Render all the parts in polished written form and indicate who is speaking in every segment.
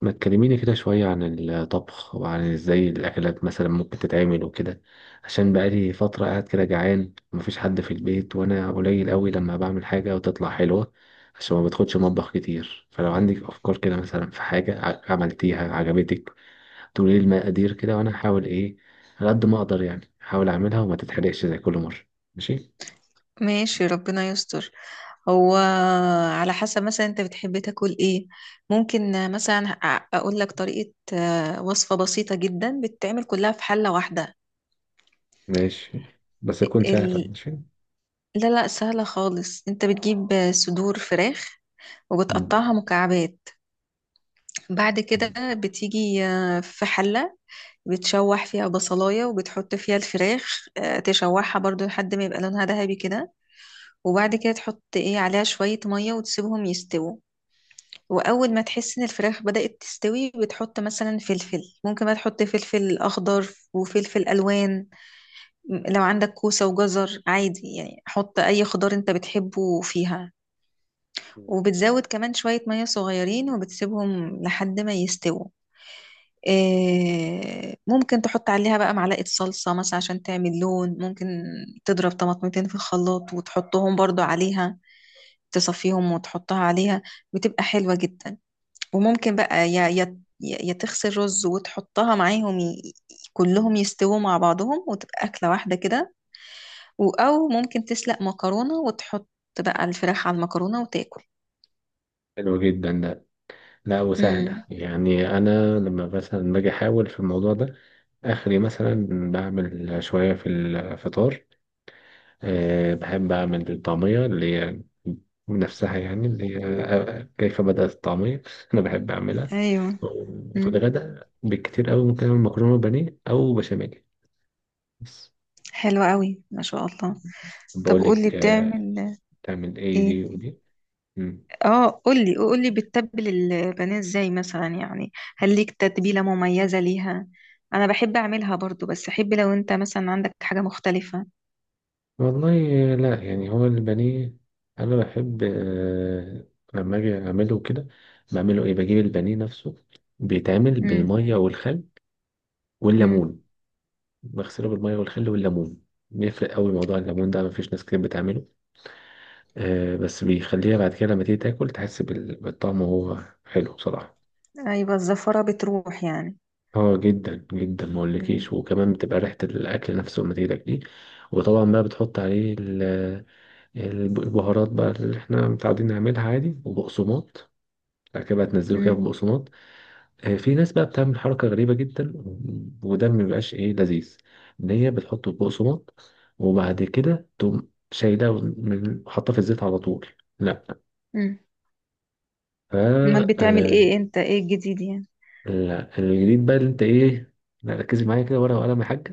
Speaker 1: ما تكلميني كده شوية عن الطبخ، وعن ازاي الأكلات مثلا ممكن تتعمل وكده. عشان بقالي فترة قاعد كده جعان ومفيش حد في البيت، وأنا قليل قوي لما بعمل حاجة وتطلع حلوة، عشان ما بدخلش مطبخ كتير. فلو عندك أفكار كده مثلا في حاجة عملتيها عجبتك، تقولي لي المقادير كده وأنا هحاول على قد ما أقدر، يعني أحاول أعملها وما تتحرقش زي كل مرة. ماشي.
Speaker 2: ماشي، ربنا يستر. هو على حسب، مثلا انت بتحب تاكل ايه؟ ممكن مثلا اقول لك طريقة وصفة بسيطة جدا بتتعمل كلها في حلة واحدة.
Speaker 1: ماشي، بس تكون سهلة.
Speaker 2: ال...
Speaker 1: ماشي.
Speaker 2: لا لا، سهلة خالص. انت بتجيب صدور فراخ
Speaker 1: مم.
Speaker 2: وبتقطعها مكعبات. بعد كده بتيجي في حلة بتشوح فيها بصلاية وبتحط فيها الفراخ، تشوحها برضو لحد ما يبقى لونها ذهبي كده. وبعد كده تحط ايه عليها شوية مية وتسيبهم يستووا. واول ما تحس ان الفراخ بدأت تستوي بتحط مثلا فلفل، ممكن بقى تحط فلفل اخضر وفلفل الوان. لو عندك كوسة وجزر عادي يعني، حط اي خضار انت بتحبه فيها. وبتزود كمان شوية مية صغيرين وبتسيبهم لحد ما يستووا. ممكن تحط عليها بقى معلقة صلصة مثلا عشان تعمل لون. ممكن تضرب طماطمتين في الخلاط وتحطهم برضو عليها، تصفيهم وتحطها عليها. بتبقى حلوة جدا. وممكن بقى يا تغسل رز وتحطها معاهم كلهم يستووا مع بعضهم وتبقى أكلة واحدة كده. أو ممكن تسلق مكرونة وتحط بقى الفراخ على المكرونة وتاكل.
Speaker 1: حلو جدا. لا وسهلة،
Speaker 2: امم.
Speaker 1: يعني أنا لما مثلا باجي أحاول في الموضوع ده آخري مثلا بعمل شوية في الفطار. أه، بحب أعمل الطعمية اللي هي نفسها، يعني اللي هي كيف بدأت الطعمية أنا بحب أعملها.
Speaker 2: ايوه.
Speaker 1: وفي
Speaker 2: امم،
Speaker 1: الغداء بالكتير أوي ممكن أعمل مكرونة بانيه أو بشاميل بس.
Speaker 2: حلوة قوي ما شاء الله. طب
Speaker 1: بقول
Speaker 2: قولي
Speaker 1: لك
Speaker 2: بتعمل
Speaker 1: تعمل إيه دي
Speaker 2: ايه.
Speaker 1: ودي. مم.
Speaker 2: اه، قولي قولي، بتتبل البانيه ازاي مثلا يعني؟ هل ليك تتبيلة مميزة ليها؟ انا بحب اعملها برضو، بس احب لو انت مثلا عندك حاجة مختلفة.
Speaker 1: والله لا، يعني هو البانيه انا بحب، لما اجي اعمله كده بعمله بجيب البانيه نفسه، بيتعمل بالميه والخل
Speaker 2: امم.
Speaker 1: والليمون. بغسله بالميه والخل والليمون، بيفرق قوي موضوع الليمون ده، مفيش ناس كتير بتعمله. آه، بس بيخليها بعد كده لما تيجي تاكل تحس بالطعم، وهو حلو بصراحه.
Speaker 2: ايوه، الزفرة بتروح يعني.
Speaker 1: اه جدا جدا ما اقولكيش،
Speaker 2: مم.
Speaker 1: وكمان بتبقى ريحه الاكل نفسه لما تيجي تاكليه. وطبعا بقى بتحط عليه البهارات بقى اللي احنا متعودين نعملها عادي وبقسماط. بعد كده بقى تنزله كده
Speaker 2: مم.
Speaker 1: في بقسماط. آه، في ناس بقى بتعمل حركة غريبة جدا، وده ما بيبقاش لذيذ. ان هي بتحطه في بقسماط، وبعد كده تقوم شايلاه، حاطاه في الزيت على طول. لا.
Speaker 2: مم.
Speaker 1: ف
Speaker 2: امال بتعمل ايه انت، ايه الجديد يعني؟
Speaker 1: لا الجديد بقى اللي انت ايه. لا، ركزي معايا كده، ورقة وقلم يا حاجة.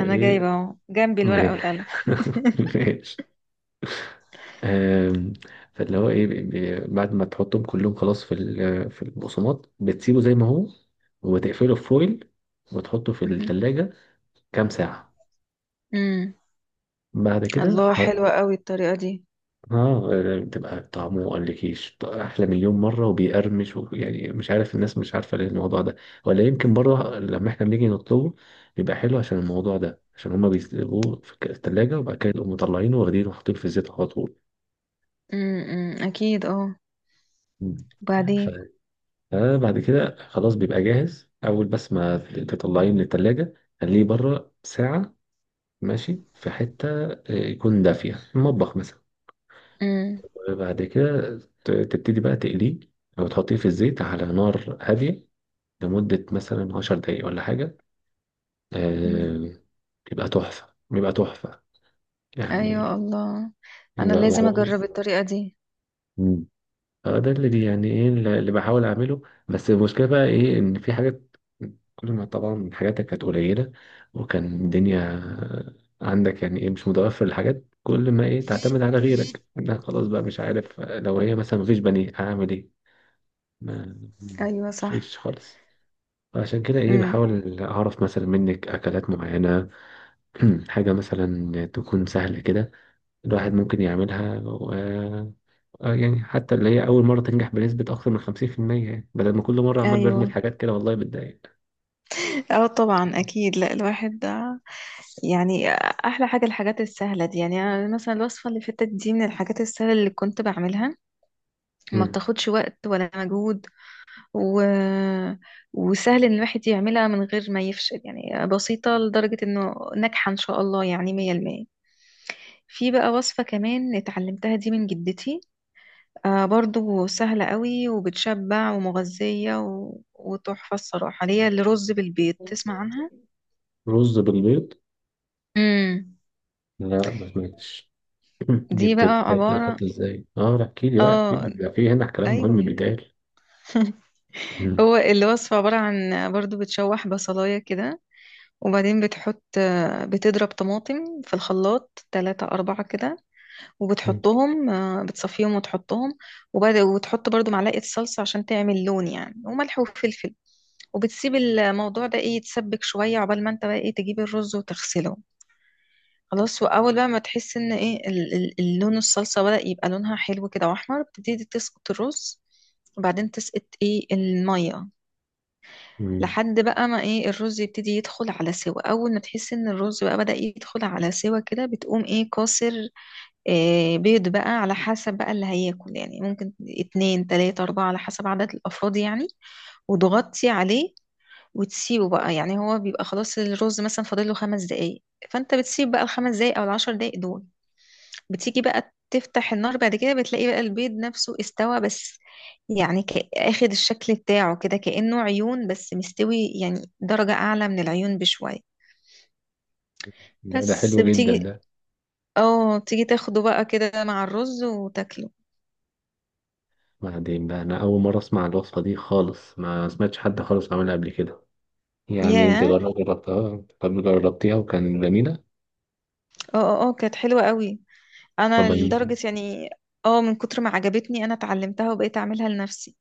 Speaker 2: انا جايبه اهو جنبي الورقة والقلم.
Speaker 1: ماشي. آم، فاللي هو ايه، بعد ما تحطهم كلهم خلاص في في البقسماط، بتسيبه زي ما هو وتقفله في فويل، وتحطه في
Speaker 2: مهم.
Speaker 1: التلاجة كام ساعة.
Speaker 2: مم.
Speaker 1: بعد كده
Speaker 2: الله،
Speaker 1: اه،
Speaker 2: حلوة قوي الطريقة دي.
Speaker 1: آه، بتبقى طعمه مقلكيش احلى مليون مرة وبيقرمش، يعني مش عارف، الناس مش عارفة ليه الموضوع ده. ولا يمكن بره
Speaker 2: مم.
Speaker 1: لما احنا بنيجي نطلبه بيبقى حلو، عشان الموضوع ده، عشان هما بيسيبوه في التلاجة وبعد كده يقوموا مطلعينه واخدينه وحاطينه في الزيت على طول.
Speaker 2: مم. اكيد اه.
Speaker 1: مم.
Speaker 2: وبعدين؟
Speaker 1: آه، بعد كده خلاص بيبقى جاهز، اول بس ما تطلعيه من التلاجة خليه بره ساعة، ماشي، في حتة يكون دافية المطبخ مثلا.
Speaker 2: مم.
Speaker 1: وبعد كده تبتدي بقى تقليه، او تحطيه في الزيت على نار هادية لمدة مثلا 10 دقايق ولا حاجة.
Speaker 2: مم.
Speaker 1: آه. بيبقى تحفة، بيبقى تحفة
Speaker 2: ايوه،
Speaker 1: يعني.
Speaker 2: الله، انا لازم اجرب الطريقة دي.
Speaker 1: اه، ده اللي يعني ايه اللي بحاول اعمله. بس المشكله بقى ايه، ان في حاجات كل ما طبعا حاجاتك كانت قليله، وكان الدنيا عندك يعني ايه مش متوفر الحاجات، كل ما ايه تعتمد على غيرك انا خلاص بقى مش عارف، لو هي مثلا مفيش بني اعمل ايه. ما ما-
Speaker 2: ايوه صح.
Speaker 1: مفيش خالص. عشان كده ايه
Speaker 2: مم.
Speaker 1: بحاول اعرف مثلا منك اكلات معينه. حاجه مثلا تكون سهله كده، الواحد ممكن يعملها. آه، يعني حتى اللي هي أول مرة تنجح بنسبة أكثر من 50% يعني، بدل ما كل مرة عمال
Speaker 2: ايوه،
Speaker 1: برمي حاجات كده والله بتضايق.
Speaker 2: اه طبعا اكيد. لا، الواحد ده يعني احلى حاجه الحاجات السهله دي. يعني أنا مثلا الوصفه اللي فاتت دي من الحاجات السهله اللي كنت بعملها. ما
Speaker 1: مم.
Speaker 2: بتاخدش وقت ولا مجهود و... وسهل ان الواحد يعملها من غير ما يفشل. يعني بسيطة لدرجة انه ناجحة ان شاء الله، يعني مية المية. في بقى وصفة كمان اتعلمتها دي من جدتي، برضو سهلة قوي وبتشبع ومغذية وتحفة الصراحة، اللي هي الرز بالبيض. تسمع عنها؟
Speaker 1: رز بالبيض.
Speaker 2: امم.
Speaker 1: لا ما سمعتش. دي
Speaker 2: دي بقى عبارة،
Speaker 1: بتتحط ازاي؟ اه لا، احكي لي بقى، احكي لي،
Speaker 2: اه،
Speaker 1: بيبقى في هنا كلام مهم
Speaker 2: ايوه.
Speaker 1: بيتقال. مم.
Speaker 2: هو الوصفة عبارة عن برضو بتشوح بصلاية كده. وبعدين بتحط، بتضرب طماطم في الخلاط تلاتة أربعة كده،
Speaker 1: مم.
Speaker 2: وبتحطهم بتصفيهم وتحطهم. وبعد وتحط برضو معلقة صلصة عشان تعمل لون يعني، وملح وفلفل. وبتسيب الموضوع ده ايه، يتسبك شوية، عقبال ما انت بقى ايه تجيب الرز وتغسله. خلاص، وأول بقى ما تحس ان ايه اللون الصلصة بدأ يبقى لونها حلو كده وأحمر، بتبتدي تسقط الرز. وبعدين تسقط ايه المية،
Speaker 1: مم.
Speaker 2: لحد بقى ما ايه الرز يبتدي يدخل على سوا. اول ما تحس ان الرز بقى بدأ يدخل على سوا كده، بتقوم ايه كاسر بيض بقى على حسب بقى اللي هياكل، يعني ممكن اتنين تلاتة اربعة على حسب عدد الافراد يعني. وتغطي عليه وتسيبه بقى، يعني هو بيبقى خلاص الرز مثلا فاضل له خمس دقايق. فانت بتسيب بقى الخمس دقايق او العشر دقايق دول، بتيجي بقى تفتح النار بعد كده، بتلاقي بقى البيض نفسه استوى بس، يعني اخد الشكل بتاعه كده كأنه عيون، بس مستوي يعني درجة أعلى من العيون بشوية.
Speaker 1: لا، ده
Speaker 2: بس
Speaker 1: حلو جدا
Speaker 2: بتيجي
Speaker 1: ده.
Speaker 2: اه بتيجي تاخده بقى كده مع الرز وتاكله.
Speaker 1: بعدين بقى، انا اول مره اسمع الوصفه دي خالص، ما سمعتش حد خالص عملها قبل كده. يعني انت
Speaker 2: ياه،
Speaker 1: جربتها، طب جربتيها وكان جميله.
Speaker 2: اه اه اه، كانت حلوة قوي. انا
Speaker 1: طب ال-
Speaker 2: لدرجة يعني، اه، من كتر ما عجبتني انا اتعلمتها وبقيت اعملها لنفسي.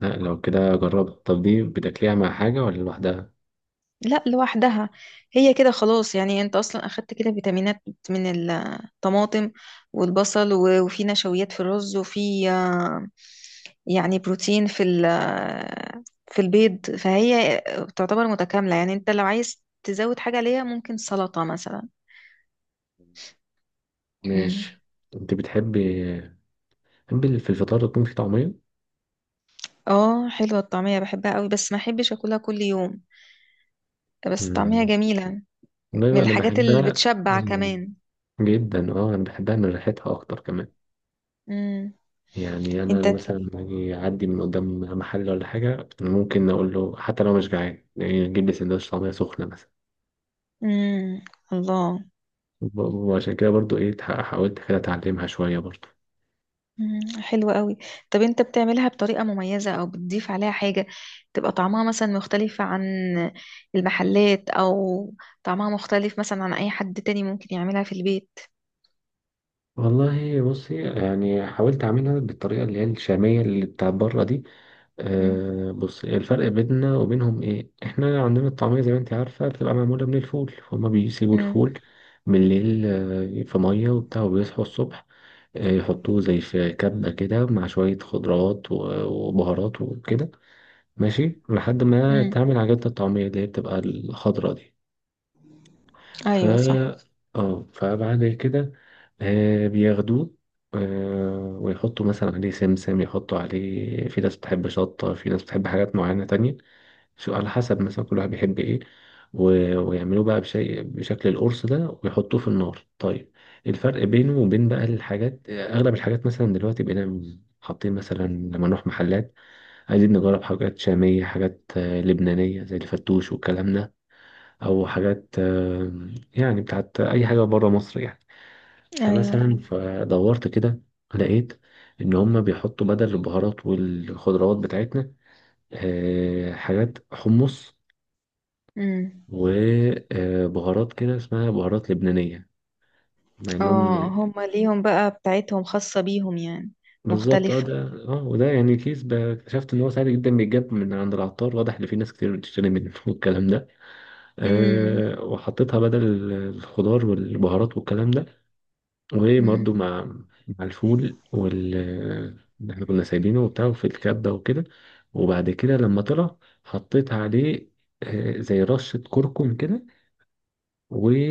Speaker 1: لا لو كده جربها. طب دي بتاكليها مع حاجه ولا لوحدها؟
Speaker 2: لا، لوحدها. هي كده خلاص، يعني انت اصلا اخدت كده فيتامينات من الطماطم والبصل، و- وفي نشويات في الرز، وفي يعني بروتين في في البيض، فهي تعتبر متكاملة. يعني انت لو عايز تزود حاجة ليها ممكن سلطة مثلا. مم.
Speaker 1: ماشي. انت بتحبي، بتحبي في الفطار تكون في طعمية؟
Speaker 2: اه، حلوة الطعمية، بحبها قوي، بس ما احبش اكلها كل يوم. بس الطعمية
Speaker 1: مم.
Speaker 2: جميلة، من
Speaker 1: والله انا
Speaker 2: الحاجات اللي
Speaker 1: بحبها.
Speaker 2: بتشبع
Speaker 1: مم.
Speaker 2: كمان.
Speaker 1: جدا، اه انا بحبها من ريحتها اكتر كمان.
Speaker 2: مم.
Speaker 1: يعني انا
Speaker 2: انت.
Speaker 1: مثلا لما أجي اعدي من قدام محل ولا حاجة، أنا ممكن اقول له حتى لو مش جعان يعني اجيب لي سندوتش طعمية سخنة مثلا.
Speaker 2: مم. الله.
Speaker 1: وعشان كده برضو ايه، حاولت كده اتعلمها شوية برضو.
Speaker 2: مم، حلو قوي. طب انت بتعملها بطريقة مميزة او بتضيف عليها حاجة تبقى طعمها مثلا مختلفة عن المحلات، او طعمها مختلف مثلا عن اي حد تاني ممكن يعملها في البيت؟
Speaker 1: والله بصي، يعني حاولت اعملها بالطريقة اللي هي الشامية، اللي بتاعت بره دي.
Speaker 2: مم،
Speaker 1: آه، بص الفرق بيننا وبينهم ايه، احنا عندنا الطعمية زي ما انت عارفة بتبقى معمولة من الفول، فهم بيسيبوا
Speaker 2: مم،
Speaker 1: الفول بالليل في مية وبتاع، وبيصحوا الصبح يحطوه زي في كبة كده مع شوية خضروات وبهارات وكده، ماشي، لحد ما
Speaker 2: مم.
Speaker 1: تعمل عجينة الطعمية اللي هي بتبقى الخضرا دي. ف
Speaker 2: ايوه صح.
Speaker 1: اه فبعد كده بياخدوه، ويحطوا مثلا عليه سمسم، يحطوا عليه، في ناس بتحب شطة في ناس بتحب حاجات معينة تانية، شو على حسب مثلا كل واحد بيحب ايه. و... ويعملوه بقى بشكل القرص ده ويحطوه في النار. طيب، الفرق بينه وبين بقى الحاجات، اغلب الحاجات مثلا دلوقتي بقينا حاطين، مثلا لما نروح محلات عايزين نجرب حاجات شامية، حاجات لبنانية زي الفتوش والكلام ده، أو حاجات يعني بتاعت أي حاجة بره مصر يعني.
Speaker 2: ايوه.
Speaker 1: فمثلا فدورت كده لقيت إن هما بيحطوا بدل البهارات والخضروات بتاعتنا حاجات حمص
Speaker 2: مم.
Speaker 1: وبهارات كده، اسمها بهارات لبنانية، مع انهم
Speaker 2: اه، هما ليهم بقى بتاعتهم خاصة بيهم يعني
Speaker 1: بالظبط. اه
Speaker 2: مختلفة.
Speaker 1: ده، اه وده يعني كيس اكتشفت ان هو سهل جدا، بيتجاب من عند العطار، واضح ان في ناس كتير بتشتري منه والكلام ده.
Speaker 2: امم.
Speaker 1: أه، وحطيتها بدل الخضار والبهارات والكلام ده، وبرده
Speaker 2: امم.
Speaker 1: مع مع الفول اللي احنا كنا سايبينه وبتاع في الكبة وكده. وبعد كده لما طلع حطيت عليه زي رشة كركم كده،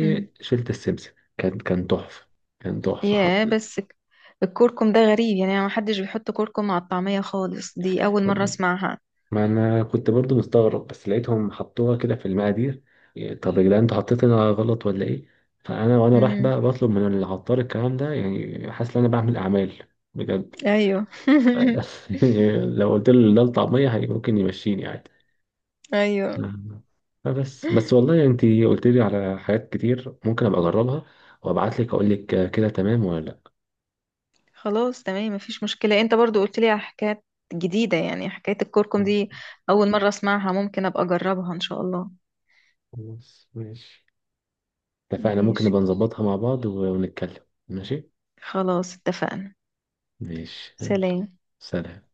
Speaker 2: امم.
Speaker 1: السمسم. كان كان تحفة، كان تحفة.
Speaker 2: يا،
Speaker 1: حطيت،
Speaker 2: بس الكركم ده غريب يعني، ما حدش بيحط كركم مع الطعمية خالص، دي اول مرة اسمعها.
Speaker 1: ما أنا كنت برضو مستغرب، بس لقيتهم حطوها كده في المقادير. طب يا جدعان انتوا حطيتها غلط ولا إيه؟ فأنا وأنا رايح
Speaker 2: امم.
Speaker 1: بقى بطلب من العطار الكلام ده، يعني حاسس إن أنا بعمل أعمال بجد.
Speaker 2: ايوه.
Speaker 1: لو قلت له ده الطعمية هي ممكن يمشيني عادي.
Speaker 2: ايوه،
Speaker 1: نعم. فبس بس والله، انت قلت لي على حاجات كتير ممكن ابقى اجربها، وابعت لك اقول لك كده تمام ولا لا.
Speaker 2: خلاص تمام مفيش مشكلة. انت برضو قلت لي على حكايات جديدة، يعني حكاية الكركم دي اول مرة اسمعها، ممكن ابقى اجربها ان شاء الله.
Speaker 1: خلاص ماشي، اتفقنا. ممكن
Speaker 2: ماشي،
Speaker 1: نبقى نظبطها مع بعض ونتكلم. ماشي.
Speaker 2: خلاص اتفقنا.
Speaker 1: ماشي يلا.
Speaker 2: سلام.
Speaker 1: سلام.